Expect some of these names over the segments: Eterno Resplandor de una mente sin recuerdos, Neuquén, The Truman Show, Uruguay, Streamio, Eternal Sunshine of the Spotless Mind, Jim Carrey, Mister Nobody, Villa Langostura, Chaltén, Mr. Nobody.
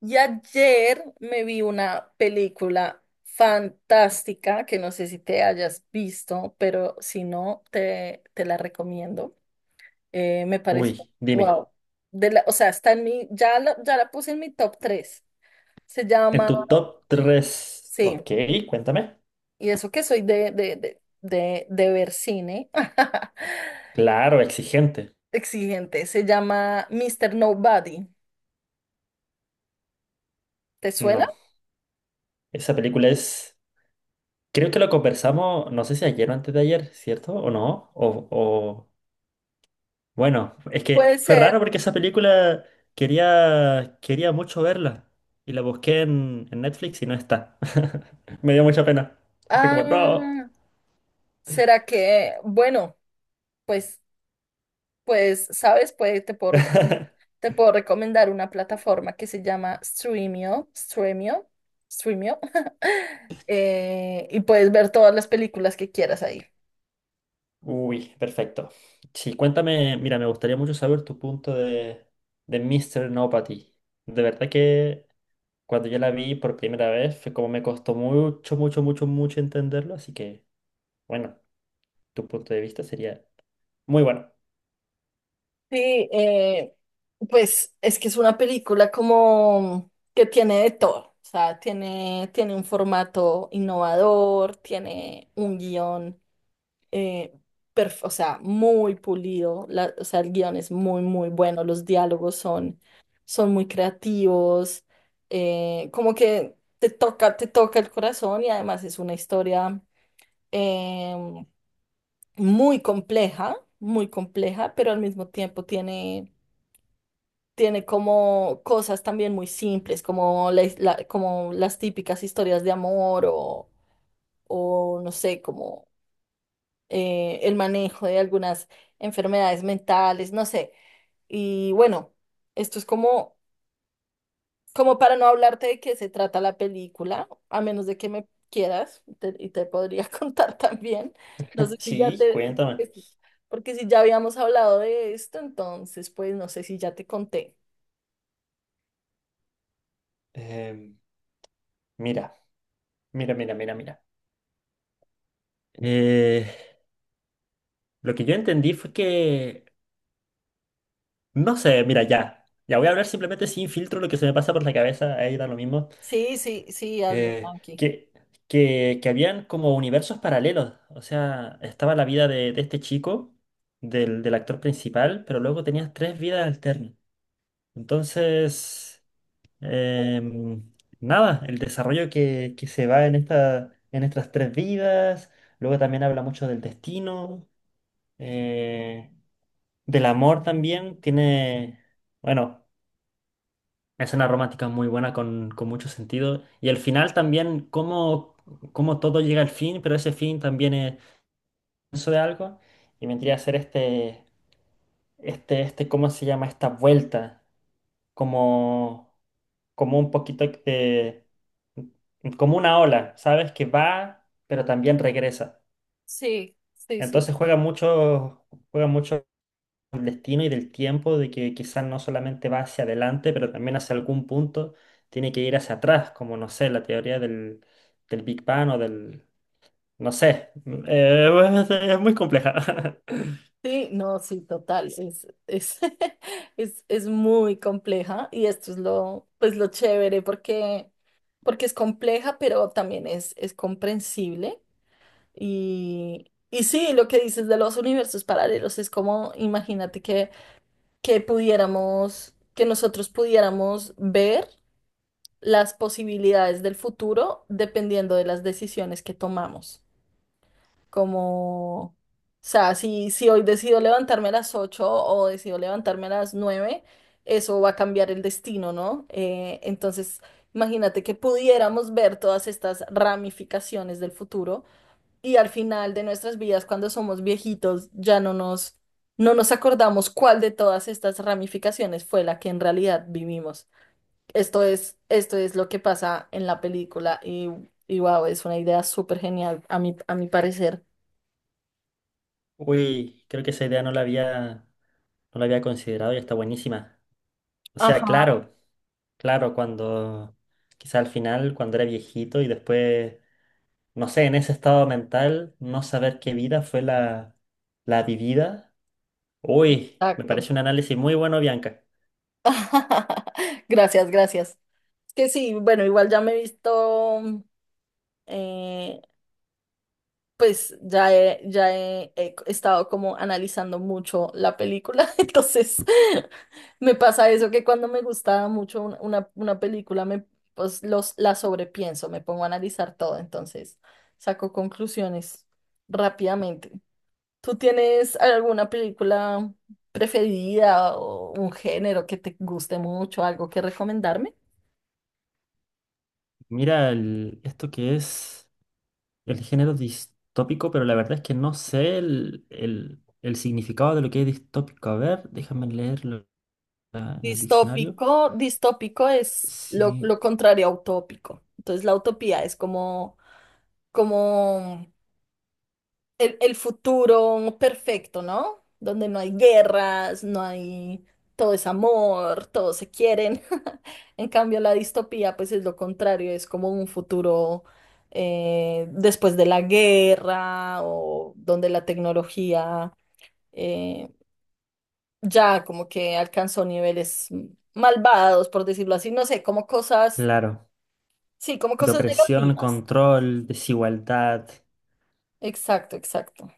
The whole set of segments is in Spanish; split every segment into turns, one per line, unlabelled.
Y ayer me vi una película fantástica que no sé si te hayas visto, pero si no, te la recomiendo. Me pareció,
Uy, dime,
wow. O sea, está en mi, ya la puse en mi top tres. Se
en
llama,
tu top 3,
sí,
ok, cuéntame.
y eso que soy de ver cine,
Claro, exigente.
exigente. Se llama Mister Nobody. ¿Te suena?
No, esa película es, creo que lo conversamos, no sé si ayer o antes de ayer, ¿cierto? ¿O no? O, bueno, es que
Puede
fue raro
ser.
porque esa película quería mucho verla y la busqué en Netflix y no está. Me dio mucha pena. Fue como, no.
Ah, ¿será que, bueno, pues Pues, ¿sabes? Te puedo recomendar una plataforma que se llama Streamio, y puedes ver todas las películas que quieras ahí.
Uy, perfecto. Sí, cuéntame, mira, me gustaría mucho saber tu punto de Mr. No Patty. De verdad que cuando yo la vi por primera vez fue como me costó mucho, mucho, mucho, mucho entenderlo, así que, bueno, tu punto de vista sería muy bueno.
Sí, pues es que es una película como que tiene de todo. O sea, tiene un formato innovador, tiene un guión. eh, o sea, muy pulido, el guión es muy, muy bueno, los diálogos son, son muy creativos. Como que te toca el corazón, y además es una historia em, muy compleja, pero al mismo tiempo tiene... Tiene como cosas también muy simples, como como las típicas historias de amor o no sé, el manejo de algunas enfermedades mentales, no sé. Y bueno, esto es como, como para no hablarte de qué se trata la película, a menos de que me quieras y te podría contar también. No sé si ya
Sí,
te,
cuéntame.
porque si ya habíamos hablado de esto, entonces pues no sé si ya te conté.
Em, mira, mira, mira, mira, mira. Eh, lo que yo entendí fue que, no sé, mira, ya, ya voy a hablar simplemente sin filtro lo que se me pasa por la cabeza, ahí da lo mismo.
Sí, sí, sí, hazlo, tranqui.
Que, que habían como universos paralelos. O sea, estaba la vida de este chico, del, del actor principal, pero luego tenías tres vidas alternas. Entonces, em, nada, el desarrollo que se va en esta, en estas tres vidas, luego también habla mucho del destino, eh, del amor también, tiene, bueno, es una romántica muy buena con mucho sentido. Y el final también, cómo, cómo todo llega al fin, pero ese fin también es eso de algo. Y vendría a ser este, este, este, ¿cómo se llama? Esta vuelta. Como, como un poquito de, como una ola, ¿sabes? Que va, pero también regresa.
Sí, sí, sí,
Entonces
sí.
juega mucho, juega mucho del destino y del tiempo, de que quizás no solamente va hacia adelante, pero también hacia algún punto tiene que ir hacia atrás, como no sé, la teoría del, del Big Bang No sé, es muy compleja.
Sí, no, sí, total, es, es muy compleja, y esto es lo, pues lo chévere porque, porque es compleja, pero también es comprensible. Y, y sí, lo que dices de los universos paralelos es como, imagínate que, que nosotros pudiéramos ver las posibilidades del futuro dependiendo de las decisiones que tomamos. O sea, si hoy decido levantarme a las 8 o decido levantarme a las nueve, eso va a cambiar el destino, ¿no? Entonces, imagínate que pudiéramos ver todas estas ramificaciones del futuro, y al final de nuestras vidas, cuando somos viejitos, ya no nos acordamos cuál de todas estas ramificaciones fue la que en realidad vivimos. Esto es lo que pasa en la película, y wow, es una idea súper genial a a mi parecer.
Uy, creo que esa idea no la había, no la había considerado y está buenísima. O sea, claro, claro, cuando quizá al final, cuando era viejito y después, no sé, en ese estado mental, no saber qué vida fue la, la vivida. Uy, me
Exacto.
parece un análisis muy bueno, Bianca.
Gracias, gracias. Es que sí, bueno, igual ya me he visto, eh, pues he estado como analizando mucho la película, entonces me pasa eso que cuando me gusta mucho una película, me, pues los, la sobrepienso, me pongo a analizar todo, entonces saco conclusiones rápidamente. ¿Tú tienes alguna película preferida o un género que te guste mucho, algo que recomendarme?
Mira, esto que es el género distópico, pero la verdad es que no sé el, el significado de lo que es distópico. A ver, déjame leerlo en el diccionario.
Distópico, distópico es
Sí,
lo contrario a utópico. Entonces la utopía es como, como el futuro perfecto, ¿no? Donde no hay guerras, no hay, todo es amor, todos se quieren. En cambio, la distopía, pues es lo contrario, es como un futuro, después de la guerra, o donde la tecnología, eh, ya como que alcanzó niveles malvados, por decirlo así, no sé, como cosas,
claro.
sí, como
De
cosas
opresión,
negativas.
control, desigualdad.
Exacto, exacto.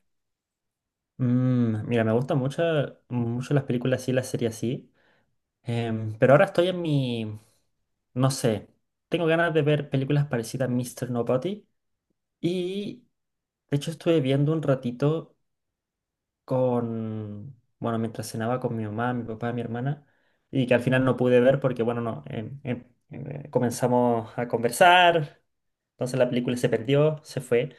Mira, me gustan mucho, mucho las películas así, las series así. Pero ahora estoy No sé. Tengo ganas de ver películas parecidas a Mr. Nobody. Y de hecho estuve viendo un ratito con, bueno, mientras cenaba con mi mamá, mi papá, mi hermana, y que al final no pude ver porque, bueno, no, comenzamos a conversar, entonces la película se perdió, se fue.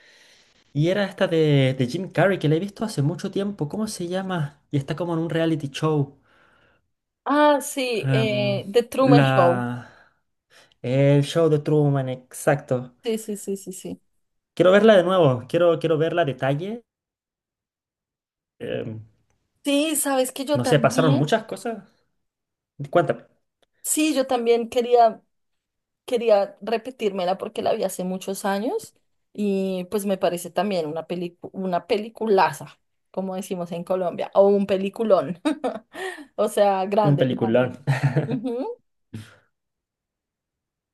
Y era esta de Jim Carrey, que la he visto hace mucho tiempo, ¿cómo se llama? Y está como en un reality show.
Ah, sí,
Em,
The Truman
la...
Show.
El show de Truman, exacto.
Sí, sí, sí, sí, sí.
Quiero verla de nuevo, quiero, quiero verla a detalle. em,
Sí, sabes que yo
No sé, pasaron
también,
muchas cosas. Cuéntame,
sí, yo también quería, quería repetírmela porque la vi hace muchos años, y pues me parece también una una peliculaza, como decimos en Colombia, o un peliculón, o sea,
un
grande,
peliculón.
grande. Ujú,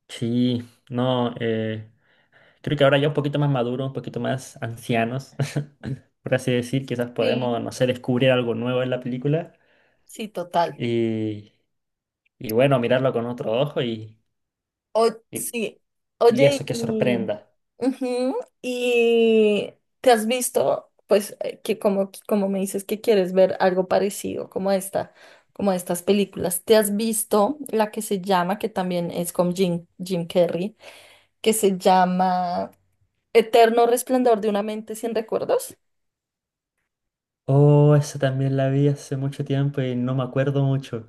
Sí, no, creo que ahora ya un poquito más maduro, un poquito más ancianos, por así decir, quizás podemos,
sí,
no sé, descubrir algo nuevo en la película
sí, total.
y, y bueno, mirarlo con otro ojo
O,
y,
sí,
y
oye,
eso que sorprenda.
ujú, y te has visto, pues, que como, como me dices que quieres ver algo parecido como a esta, como a estas películas, ¿te has visto la que se llama, que también es con Jim Carrey, que se llama Eterno Resplandor de una mente sin recuerdos?
Oh, esa también la vi hace mucho tiempo y no me acuerdo mucho.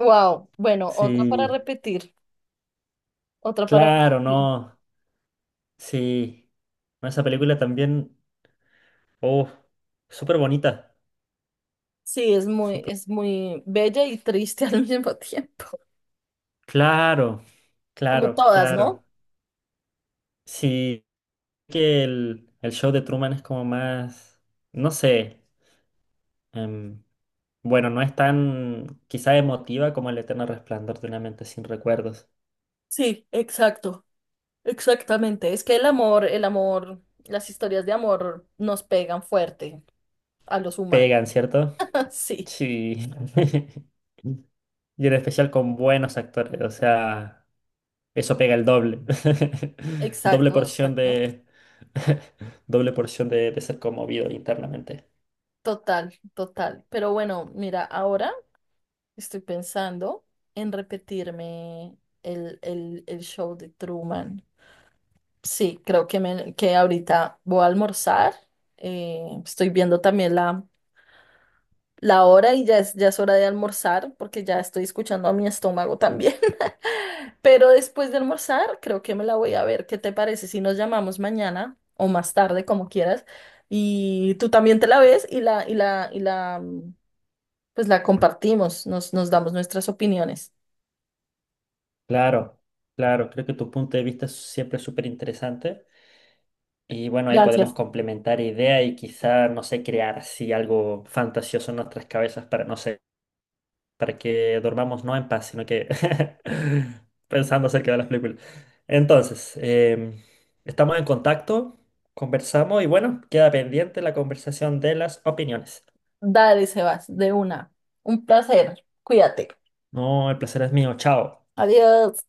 Wow, bueno, otra para
Sí,
repetir, otra para
claro,
repetir.
no, sí. No, esa película también. Oh, súper bonita.
Sí,
Súper...
es muy bella y triste al mismo tiempo,
Claro,
como
claro,
todas,
claro.
¿no?
Sí, que el show de Truman es como más, no sé, em, bueno, no es tan quizá emotiva como el eterno resplandor de una mente sin recuerdos.
Sí, exacto. Exactamente, es que el amor, las historias de amor nos pegan fuerte a los humanos.
Pegan, ¿cierto?
Sí,
Sí. Y en especial con buenos actores, o sea, eso pega el doble. Doble
exacto,
porción
exacto.
de... Doble porción de ser conmovido internamente.
Total, total. Pero bueno, mira, ahora estoy pensando en repetirme el show de Truman. Sí, creo que, me, que ahorita voy a almorzar. Estoy viendo también la... la hora, y ya es hora de almorzar porque ya estoy escuchando a mi estómago también. Pero después de almorzar, creo que me la voy a ver. ¿Qué te parece si nos llamamos mañana o más tarde, como quieras? Y tú también te la ves, y la pues la compartimos, nos damos nuestras opiniones.
Claro, claro, creo que tu punto de vista es siempre súper interesante. Y bueno, ahí podemos
Gracias.
complementar ideas y quizá, no sé, crear así algo fantasioso en nuestras cabezas para, no sé, para que dormamos no en paz, sino que pensando acerca de las películas. Entonces, em, estamos en contacto, conversamos y bueno, queda pendiente la conversación de las opiniones.
Dale, Sebas, de una. Un placer. Cuídate.
No, el placer es mío, chao.
Adiós.